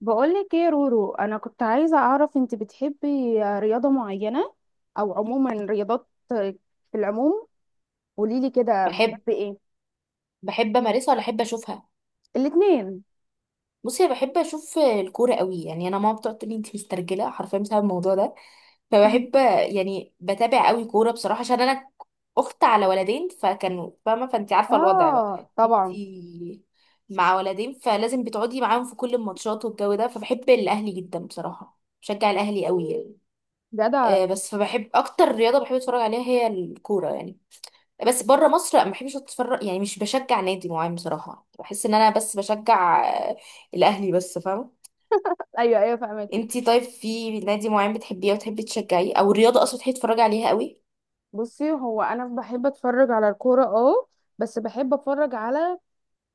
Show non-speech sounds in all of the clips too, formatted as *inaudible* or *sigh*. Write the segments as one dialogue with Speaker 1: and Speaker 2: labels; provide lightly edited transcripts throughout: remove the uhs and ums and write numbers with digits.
Speaker 1: بقولك ايه يا رورو؟ انا كنت عايزة اعرف، انت بتحبي رياضة معينة او عموما رياضات في العموم؟ قوليلي كده
Speaker 2: بحب
Speaker 1: بتحبي ايه؟
Speaker 2: بحب امارسها ولا احب اشوفها؟
Speaker 1: الاتنين.
Speaker 2: بصي، انا بحب اشوف الكوره قوي. يعني انا ماما بتقعد تقول لي انت مسترجله حرفيا بسبب الموضوع ده.
Speaker 1: *laughs* مم.
Speaker 2: فبحب، يعني بتابع قوي كوره بصراحه، عشان انا اخت على ولدين فكانوا فاهمه، فانت عارفه الوضع بقى.
Speaker 1: اه
Speaker 2: انت
Speaker 1: طبعا.
Speaker 2: مع ولدين فلازم بتقعدي معاهم في كل الماتشات والجو ده. فبحب الاهلي جدا بصراحه، بشجع الاهلي قوي يعني.
Speaker 1: جدع.
Speaker 2: بس فبحب اكتر رياضه بحب اتفرج عليها هي الكوره يعني. بس بره مصر لا، ما بحبش اتفرج، يعني مش بشجع نادي معين بصراحه. بحس ان انا بس بشجع الاهلي بس، فاهمه.
Speaker 1: ايوه ايوه، فهمتك.
Speaker 2: انتي طيب، في نادي معين بتحبيه وتحبي تشجعيه، او الرياضه اصلا تحبي تتفرجي عليها قوي؟
Speaker 1: بصي، هو انا بحب اتفرج على الكورة، اه، بس بحب اتفرج على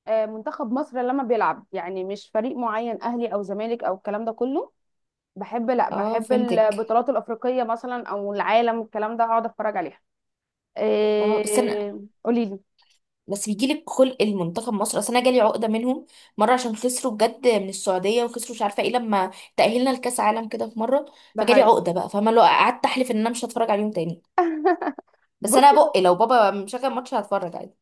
Speaker 1: منتخب مصر لما بيلعب، يعني مش فريق معين، اهلي او زمالك او الكلام ده كله. بحب، لا
Speaker 2: اه،
Speaker 1: بحب
Speaker 2: فهمتك.
Speaker 1: البطولات الافريقية مثلا او العالم، الكلام ده اقعد اتفرج عليها.
Speaker 2: اه بس انا،
Speaker 1: إيه... قولي لي.
Speaker 2: بس بيجيلك خلق المنتخب مصر، اصل انا جالي عقده منهم مره عشان خسروا بجد من السعوديه وخسروا مش عارفه ايه لما تاهلنا لكاس عالم كده في مره.
Speaker 1: ده
Speaker 2: فجالي
Speaker 1: حقيقي.
Speaker 2: عقده بقى، فاهمه، لو قعدت احلف ان انا مش هتفرج عليهم تاني. بس
Speaker 1: بصي،
Speaker 2: انا بق لو بابا مشغل ماتش هتفرج عادي.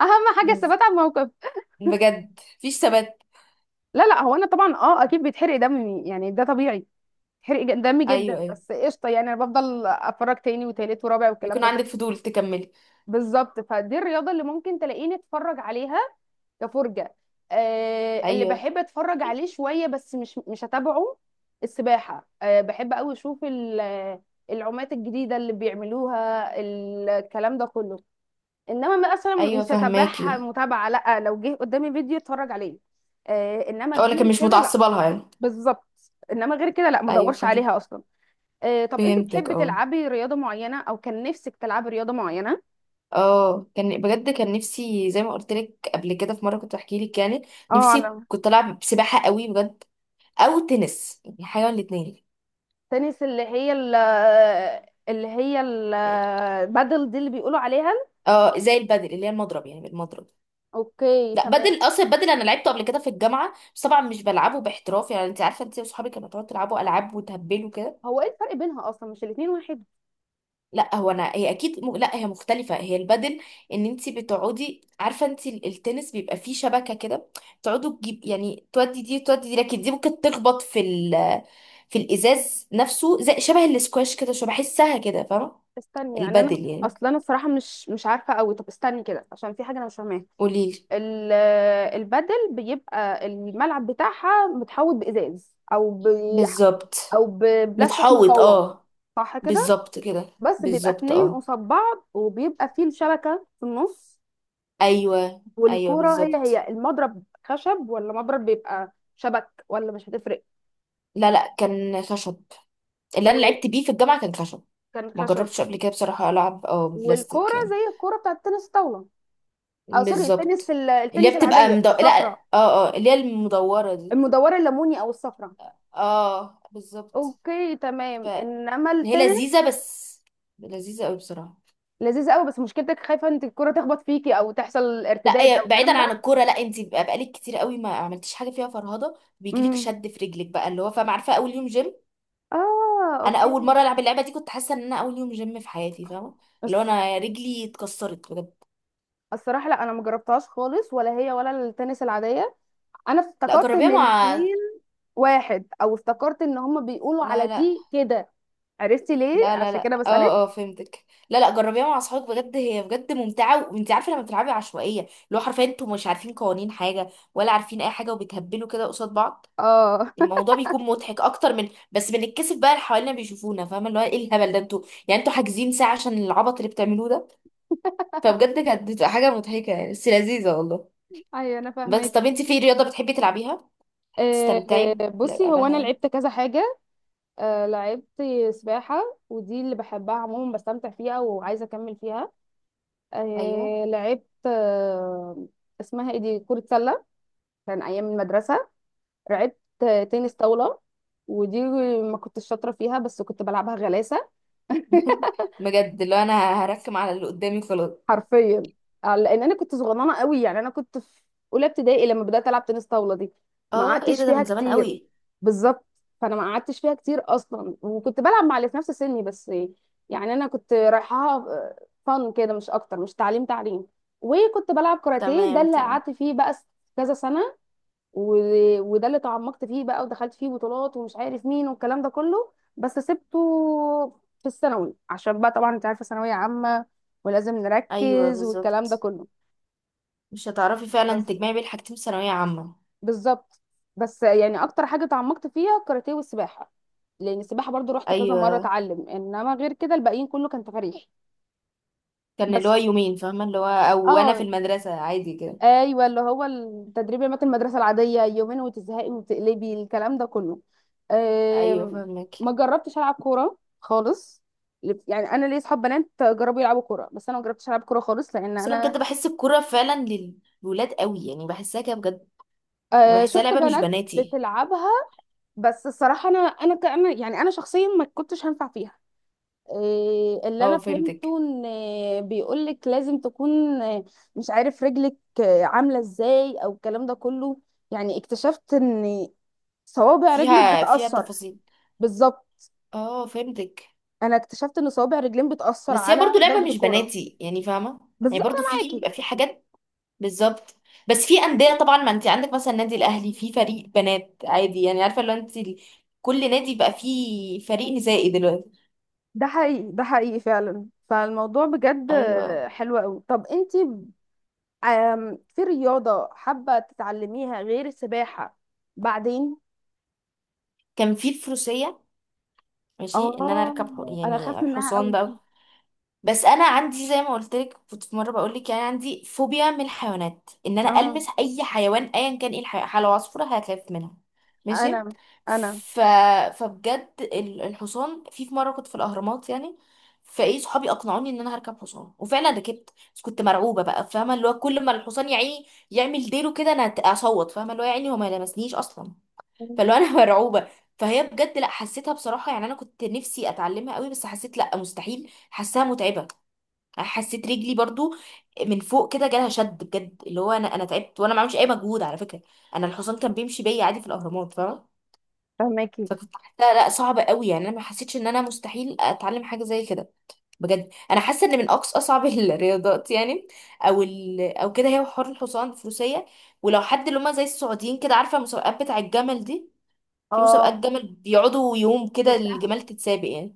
Speaker 1: اهم حاجه
Speaker 2: مم.
Speaker 1: الثبات على الموقف.
Speaker 2: بجد مفيش ثبات.
Speaker 1: لا لا، هو انا طبعا اه اكيد بيتحرق دمي، يعني ده طبيعي. دمي جدا،
Speaker 2: ايوه، ايوه،
Speaker 1: بس قشطه، يعني انا بفضل اتفرج تاني وتالت ورابع والكلام
Speaker 2: بيكون
Speaker 1: ده كله.
Speaker 2: عندك فضول تكملي.
Speaker 1: بالظبط، فدي الرياضه اللي ممكن تلاقيني اتفرج عليها كفرجه. اللي
Speaker 2: ايوه،
Speaker 1: بحب اتفرج عليه شويه، بس مش هتابعه. السباحه، آه بحب قوي اشوف العومات الجديده اللي بيعملوها، الكلام ده كله. انما مثلا
Speaker 2: ايوه،
Speaker 1: مش هتابعها
Speaker 2: فهماكي.
Speaker 1: متابعه، لا، لو جه قدامي فيديو اتفرج عليه. آه، انما
Speaker 2: اه لكن
Speaker 1: غير
Speaker 2: مش
Speaker 1: كده لا.
Speaker 2: متعصبه لها يعني.
Speaker 1: بالظبط، انما غير كده لا، ما
Speaker 2: ايوه،
Speaker 1: ادورش عليها اصلا. آه، طب انت
Speaker 2: فهمتك.
Speaker 1: بتحبي
Speaker 2: اه،
Speaker 1: تلعبي رياضه معينه او كان نفسك تلعبي رياضه معينه؟
Speaker 2: اه كان بجد كان نفسي زي ما قلت لك قبل كده في مره كنت بحكي لك يعني.
Speaker 1: اه
Speaker 2: نفسي
Speaker 1: على
Speaker 2: كنت العب سباحه قوي بجد، او تنس، يعني حاجه من الاثنين.
Speaker 1: التنس، اللي هي اللي هي البادل دي اللي بيقولوا عليها.
Speaker 2: اه زي البادل اللي هي المضرب، يعني المضرب.
Speaker 1: اوكي
Speaker 2: لا
Speaker 1: تمام.
Speaker 2: بدل، اصلا بدل انا لعبته قبل كده في الجامعه، بس طبعا مش بلعبه باحتراف. يعني انت عارفه، انت واصحابك كانوا تقعدوا تلعبوا العاب وتهبلوا كده.
Speaker 1: هو ايه الفرق بينها اصلا، مش الاتنين واحد؟
Speaker 2: لا، هو انا هي اكيد لا هي مختلفه، هي البدل. ان انت بتقعدي، عارفه انت، التنس بيبقى فيه شبكه كده، تقعدوا تجيب، يعني تودي دي تودي دي، لكن دي ممكن تخبط في الازاز نفسه، زي شبه الاسكواش كده، شو بحسها كده فاهمه.
Speaker 1: استني، يعني انا
Speaker 2: البدل يعني،
Speaker 1: اصلا انا الصراحه مش عارفه قوي. طب استني كده، عشان في حاجه انا مش فاهماها.
Speaker 2: قوليلي.
Speaker 1: ال- البدل بيبقى الملعب بتاعها متحوط بإزاز او ب...
Speaker 2: بالظبط.
Speaker 1: او ببلاستيك
Speaker 2: متحوط
Speaker 1: مقوى.
Speaker 2: اه.
Speaker 1: صح كده.
Speaker 2: بالظبط كده.
Speaker 1: بس بيبقى
Speaker 2: بالظبط،
Speaker 1: اتنين
Speaker 2: اه.
Speaker 1: قصاد بعض، وبيبقى فيه الشبكة في النص.
Speaker 2: ايوه، ايوه،
Speaker 1: والكورة هي
Speaker 2: بالظبط.
Speaker 1: هي، المضرب خشب ولا مضرب بيبقى شبك، ولا مش هتفرق؟
Speaker 2: لا، لا، كان خشب. اللي انا
Speaker 1: وكان
Speaker 2: لعبت بيه في الجامعه كان خشب. ما
Speaker 1: خشب.
Speaker 2: جربتش قبل كده بصراحه العب
Speaker 1: والكورة
Speaker 2: بلاستيك يعني.
Speaker 1: زي الكورة بتاعت التنس الطاولة، او سوري، التنس
Speaker 2: بالظبط. اللي هي
Speaker 1: التنس
Speaker 2: بتبقى
Speaker 1: العادية
Speaker 2: لا.
Speaker 1: الصفراء
Speaker 2: اه، اه، اللي هي المدورة دي.
Speaker 1: المدورة، الليموني او الصفراء.
Speaker 2: اه بالظبط.
Speaker 1: اوكي تمام. انما
Speaker 2: فهي
Speaker 1: التنس
Speaker 2: لذيذة، بس لذيذة قوي بصراحة.
Speaker 1: لذيذ قوي، بس مشكلتك خايفه انت الكره تخبط فيكي او تحصل
Speaker 2: لا،
Speaker 1: ارتداد
Speaker 2: هي
Speaker 1: او الكلام
Speaker 2: بعيدا عن
Speaker 1: ده.
Speaker 2: الكورة. لا انت بقى بقالك كتير قوي ما عملتيش حاجة فيها، فرهضة بيجيلك
Speaker 1: امم،
Speaker 2: شد في رجلك بقى، اللي هو فاهمة، عارفة اول يوم جيم.
Speaker 1: اه،
Speaker 2: انا اول
Speaker 1: اوكي.
Speaker 2: مرة العب اللعبة دي كنت حاسة ان انا اول يوم جيم في حياتي، فاهمة. اللي هو
Speaker 1: بس
Speaker 2: انا رجلي اتكسرت بجد.
Speaker 1: الصراحه لا، انا ما جربتهاش خالص، ولا هي ولا التنس العاديه. انا
Speaker 2: لا
Speaker 1: افتكرت
Speaker 2: جربيها
Speaker 1: ان
Speaker 2: مع.
Speaker 1: الاثنين واحد، او افتكرت ان هما بيقولوا على
Speaker 2: لا، لا،
Speaker 1: دي كده. عرفتي ليه،
Speaker 2: لا، لا،
Speaker 1: عشان
Speaker 2: لا.
Speaker 1: كده بسالك.
Speaker 2: اه، اه، فهمتك. لا، لا، جربيها مع اصحابك بجد، هي بجد ممتعه. وانت عارفه لما بتلعبي عشوائيه، اللي هو حرفيا انتوا مش عارفين قوانين حاجه ولا عارفين اي حاجه وبتهبلوا كده قصاد بعض.
Speaker 1: اه.
Speaker 2: الموضوع بيكون مضحك اكتر، من بس بنتكسف بقى اللي حوالينا بيشوفونا، فاهمه، اللي هو ايه الهبل ده انتوا، يعني انتوا حاجزين ساعه عشان العبط اللي بتعملوه ده. فبجد كانت بتبقى حاجه مضحكه يعني، بس لذيذه والله.
Speaker 1: *laughs* ايوه انا
Speaker 2: بس
Speaker 1: فاهمك.
Speaker 2: طب انت، في رياضه بتحبي تلعبيها
Speaker 1: آه،
Speaker 2: تستمتعي
Speaker 1: آه، بصي هو
Speaker 2: بلعبها
Speaker 1: انا
Speaker 2: يعني؟
Speaker 1: لعبت كذا حاجه. آه، لعبت سباحه، ودي اللي بحبها عموما، بستمتع فيها وعايزه اكمل فيها.
Speaker 2: ايوه
Speaker 1: آه لعبت، آه، اسمها ايه دي، كرة سلة، كان ايام المدرسة. لعبت آه، تنس طاولة، ودي ما كنتش شاطرة فيها، بس كنت بلعبها غلاسة. *laughs*
Speaker 2: *laughs* بجد، اللي هو انا هركم على اللي قدامي خلاص.
Speaker 1: حرفيا. آه، لان انا كنت صغننه قوي، يعني انا كنت في اولى ابتدائي لما بدات العب تنس طاوله دي، ما
Speaker 2: اه، ايه
Speaker 1: قعدتش
Speaker 2: ده
Speaker 1: فيها
Speaker 2: من زمان
Speaker 1: كتير.
Speaker 2: قوي.
Speaker 1: بالظبط. فانا ما قعدتش فيها كتير اصلا، وكنت بلعب مع اللي في نفس سني بس، يعني انا كنت رايحاها فن كده مش اكتر، مش تعليم تعليم. وكنت بلعب كاراتيه، ده
Speaker 2: تمام،
Speaker 1: اللي
Speaker 2: تمام.
Speaker 1: قعدت فيه بقى كذا سنه. و... وده اللي تعمقت فيه بقى، ودخلت فيه بطولات ومش عارف مين والكلام ده كله، بس سبته في الثانوي، عشان بقى طبعا انت عارفه، ثانويه عامه ولازم
Speaker 2: ايوه
Speaker 1: نركز والكلام ده
Speaker 2: بالظبط،
Speaker 1: كله.
Speaker 2: مش هتعرفي فعلا
Speaker 1: بس
Speaker 2: تجمعي بين حاجتين في ثانويه عامه.
Speaker 1: بالظبط. بس يعني اكتر حاجه تعمقت فيها الكاراتيه والسباحه، لان السباحه برضو رحت كذا مره
Speaker 2: ايوه،
Speaker 1: اتعلم، انما غير كده الباقيين كله كان تفاريح.
Speaker 2: كان اللي هو
Speaker 1: بس
Speaker 2: يومين، فاهمه اللي هو، او انا في
Speaker 1: اه،
Speaker 2: المدرسه عادي كده.
Speaker 1: ايوه، اللي هو التدريب المات المدرسه العاديه يومين وتزهقي وتقلبي، الكلام ده كله.
Speaker 2: ايوه،
Speaker 1: أم،
Speaker 2: فاهمك.
Speaker 1: ما جربتش العب كوره خالص، يعني انا ليا اصحاب بنات جربوا يلعبوا كوره، بس انا ما جربتش العب كوره خالص، لان
Speaker 2: بس انا بجد
Speaker 1: انا...
Speaker 2: بحس الكوره فعلا للولاد قوي، يعني بحسها كده بجد. يعني
Speaker 1: أه،
Speaker 2: بحسها
Speaker 1: شفت
Speaker 2: لعبه مش
Speaker 1: بنات
Speaker 2: بناتي.
Speaker 1: بتلعبها، بس الصراحه انا يعني انا شخصيا ما كنتش هنفع فيها. إيه اللي انا
Speaker 2: اه فهمتك.
Speaker 1: فهمته، ان بيقولك لازم تكون آه، مش عارف رجلك آه، عامله ازاي او الكلام ده كله، يعني اكتشفت ان صوابع رجلك
Speaker 2: فيها
Speaker 1: بتأثر.
Speaker 2: تفاصيل.
Speaker 1: بالظبط.
Speaker 2: اه فهمتك.
Speaker 1: انا اكتشفت ان صوابع رجلين بتأثر
Speaker 2: بس هي
Speaker 1: على
Speaker 2: برضو لعبه
Speaker 1: ضربة
Speaker 2: مش
Speaker 1: الكرة.
Speaker 2: بناتي، يعني فاهمه.
Speaker 1: بالظبط،
Speaker 2: يعني برضو
Speaker 1: انا
Speaker 2: في
Speaker 1: معاكي.
Speaker 2: بيبقى في حاجات. بالظبط. بس في انديه طبعا، ما انت عندك مثلا النادي الاهلي في فريق بنات عادي، يعني عارفه لو انت كل نادي بقى فيه فريق نسائي دلوقتي.
Speaker 1: ده حقيقي، ده حقيقي فعلا. فالموضوع بجد
Speaker 2: ايوه.
Speaker 1: آه، حلو قوي. طب انتي آم، في رياضة حابة تتعلميها غير السباحة؟ بعدين،
Speaker 2: كان في الفروسيه، ماشي ان انا
Speaker 1: اه
Speaker 2: اركب
Speaker 1: انا خاف
Speaker 2: يعني
Speaker 1: منها
Speaker 2: حصان
Speaker 1: قوي.
Speaker 2: بقى. بس انا عندي زي ما قلت لك كنت في مره بقول لك يعني، عندي فوبيا من الحيوانات، ان انا
Speaker 1: اه
Speaker 2: المس اي حيوان ايا كان ايه الحيوان، لو عصفوره هخاف منها. ماشي.
Speaker 1: انا انا
Speaker 2: ف... فبجد الحصان، في مره كنت في الاهرامات يعني، فايه صحابي اقنعوني ان انا هركب حصان وفعلا ركبت، بس كنت مرعوبه بقى، فاهمه، اللي هو كل ما الحصان يا عيني يعمل ديله كده انا اصوت، فاهمه اللي هو، يا عيني هو ما لمسنيش اصلا. فاللي
Speaker 1: مم.
Speaker 2: هو انا *laughs* مرعوبه. فهي بجد، لا، حسيتها بصراحه يعني، انا كنت نفسي اتعلمها قوي بس حسيت لا مستحيل، حاساها متعبه. حسيت رجلي برضو من فوق كده جالها شد بجد، اللي هو انا تعبت وانا ما بعملش اي مجهود على فكره. انا الحصان كان بيمشي بيا عادي في الاهرامات، فاهمه.
Speaker 1: فهماكي
Speaker 2: فكنت حاسه لا صعبه قوي، يعني انا ما حسيتش ان انا مستحيل اتعلم حاجه زي كده. بجد انا حاسه ان من اقصى اصعب *laughs* الرياضات يعني، او كده، هي حوار الحصان، الفروسيه. ولو حد اللي هم زي السعوديين كده، عارفه المسابقات بتاع الجمل دي، في مسابقات
Speaker 1: اه.
Speaker 2: جمل بيقعدوا يوم كده
Speaker 1: شفتها.
Speaker 2: الجمال تتسابق يعني.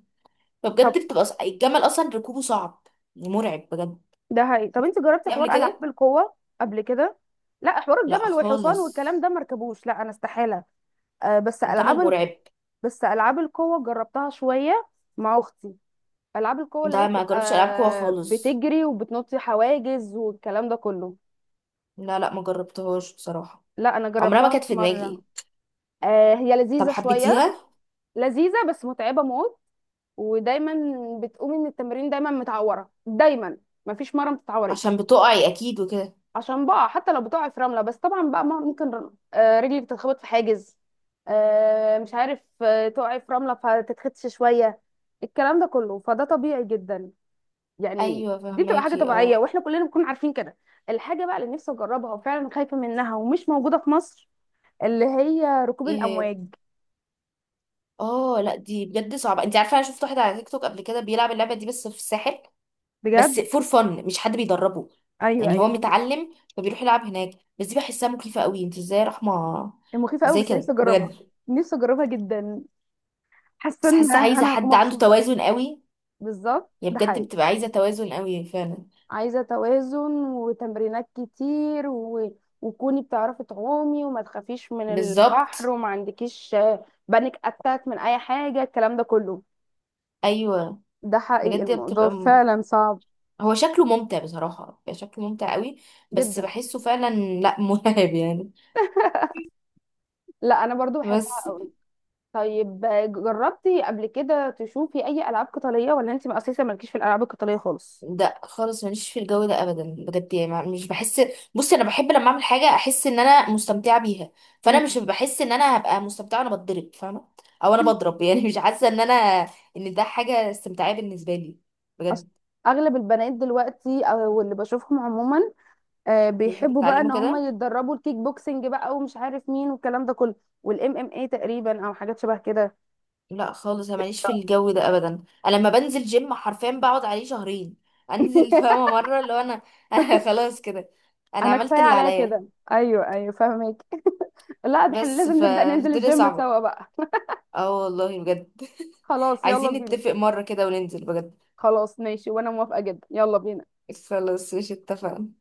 Speaker 2: فبجد
Speaker 1: طب،
Speaker 2: بتبقى الجمل اصلا ركوبه صعب، مرعب بجد.
Speaker 1: ده حقيقي. طب انت جربتي
Speaker 2: قبل
Speaker 1: حوار العاب
Speaker 2: كده.
Speaker 1: القوه قبل كده؟ لا، حوار
Speaker 2: لا
Speaker 1: الجمل والحصان
Speaker 2: خالص.
Speaker 1: والكلام ده مركبوش، لا انا استحاله. آه بس
Speaker 2: الجمل
Speaker 1: العاب ال...
Speaker 2: مرعب.
Speaker 1: بس العاب القوه جربتها شويه مع اختي. العاب القوه اللي هي
Speaker 2: ده ما جربش العاب قوه
Speaker 1: بتبقى
Speaker 2: خالص.
Speaker 1: بتجري وبتنطي حواجز والكلام ده كله.
Speaker 2: لا، لا، ما جربتهاش بصراحه.
Speaker 1: لا انا
Speaker 2: عمرها ما
Speaker 1: جربتها
Speaker 2: كانت في
Speaker 1: مره.
Speaker 2: دماغي.
Speaker 1: آه هي
Speaker 2: طب
Speaker 1: لذيذه شويه،
Speaker 2: حبيتيها؟
Speaker 1: لذيذه بس متعبه موت. ودايما بتقومي من التمرين دايما متعوره، دايما مفيش مره ما
Speaker 2: عشان
Speaker 1: تتعوريش.
Speaker 2: بتقعي اكيد وكده.
Speaker 1: عشان بقى حتى لو بتقعي في رمله، بس طبعا بقى ممكن آه، رجلك تتخبط في حاجز، آه، مش عارف آه، تقعي في رمله فتتخدش شويه، الكلام ده كله، فده طبيعي جدا. يعني
Speaker 2: ايوه
Speaker 1: دي بتبقى حاجه
Speaker 2: فهماكي
Speaker 1: طبيعيه،
Speaker 2: اه.
Speaker 1: واحنا كلنا بنكون عارفين كده. الحاجه بقى اللي نفسي اجربها وفعلا خايفه منها ومش موجوده في مصر، اللي هي ركوب
Speaker 2: ايه هي.
Speaker 1: الامواج.
Speaker 2: اه، لا دي بجد صعبه، انت عارفه انا شفت واحد على تيك توك قبل كده بيلعب اللعبه دي بس في الساحل. بس
Speaker 1: بجد؟
Speaker 2: فور فن، مش حد بيدربه.
Speaker 1: ايوه
Speaker 2: يعني
Speaker 1: ايوه،
Speaker 2: هو
Speaker 1: فاهمة.
Speaker 2: متعلم فبيروح يلعب هناك. بس دي بحسها مخيفه قوي، انت ازاي يا رحمه؟
Speaker 1: هي مخيفه قوي
Speaker 2: ازاي
Speaker 1: بس نفسي
Speaker 2: كده
Speaker 1: اجربها.
Speaker 2: بجد؟
Speaker 1: نفسي اجربها جدا، حاسه
Speaker 2: بس
Speaker 1: ان
Speaker 2: حاسه عايزه
Speaker 1: انا هكون
Speaker 2: حد عنده
Speaker 1: مبسوطه.
Speaker 2: توازن قوي.
Speaker 1: بالظبط،
Speaker 2: هي
Speaker 1: ده
Speaker 2: بجد
Speaker 1: حقيقي.
Speaker 2: بتبقى عايزة توازن قوي فعلا.
Speaker 1: عايزه توازن وتمرينات كتير و... وكوني بتعرفي تعومي، وما تخافيش من البحر،
Speaker 2: بالظبط.
Speaker 1: وما عندكيش بانيك اتاك من اي حاجه، الكلام ده كله.
Speaker 2: ايوه
Speaker 1: ده حقيقي،
Speaker 2: بجد
Speaker 1: الموضوع
Speaker 2: بتبقى
Speaker 1: فعلا صعب.
Speaker 2: هو شكله ممتع بصراحة، بيبقى شكله ممتع قوي. بس
Speaker 1: جدا.
Speaker 2: بحسه فعلا، لا *laughs* مرعب يعني.
Speaker 1: لا انا برضو بحبها
Speaker 2: بس
Speaker 1: قوي. طيب، جربتي قبل كده تشوفي اي العاب قتاليه، ولا انت اساسا مالكيش في الالعاب القتاليه خالص؟
Speaker 2: ده خالص ماليش في الجو ده ابدا بجد، يعني مش بحس. بصي انا بحب لما اعمل حاجة احس ان انا مستمتعة بيها، فانا
Speaker 1: مم.
Speaker 2: مش بحس ان انا هبقى مستمتعة وانا بتضرب فاهمة، او انا بضرب *laughs* يعني، مش حاسة ان انا ان ده حاجة استمتاعية بالنسبة لي،
Speaker 1: أصل
Speaker 2: بجد.
Speaker 1: اغلب البنات دلوقتي او اللي بشوفهم عموما، آه،
Speaker 2: بيحبوا
Speaker 1: بيحبوا بقى ان
Speaker 2: يتعلموا
Speaker 1: هم
Speaker 2: كده.
Speaker 1: يتدربوا الكيك بوكسنج بقى ومش عارف مين والكلام ده كله، والام ام اي تقريبا او حاجات شبه كده.
Speaker 2: لا خالص، انا ماليش في الجو ده ابدا. انا لما بنزل جيم حرفيا بقعد عليه شهرين *laughs* انزل،
Speaker 1: *laughs*
Speaker 2: فاهمه مره، اللي هو انا *laughs* انا خلاص كده، انا
Speaker 1: انا
Speaker 2: عملت
Speaker 1: كفايه
Speaker 2: اللي
Speaker 1: عليا
Speaker 2: عليا.
Speaker 1: كده، ايوه ايوه فاهمك. لا ده احنا
Speaker 2: بس
Speaker 1: لازم نبدا ننزل
Speaker 2: فالدنيا
Speaker 1: الجيم
Speaker 2: صعبه.
Speaker 1: سوا بقى.
Speaker 2: اه والله بجد.
Speaker 1: *laughs*
Speaker 2: *laughs*
Speaker 1: خلاص يلا
Speaker 2: عايزين
Speaker 1: بينا.
Speaker 2: نتفق مره كده وننزل بجد.
Speaker 1: خلاص ماشي وانا موافقه جدا، يلا بينا.
Speaker 2: خلاص، مش اتفقنا؟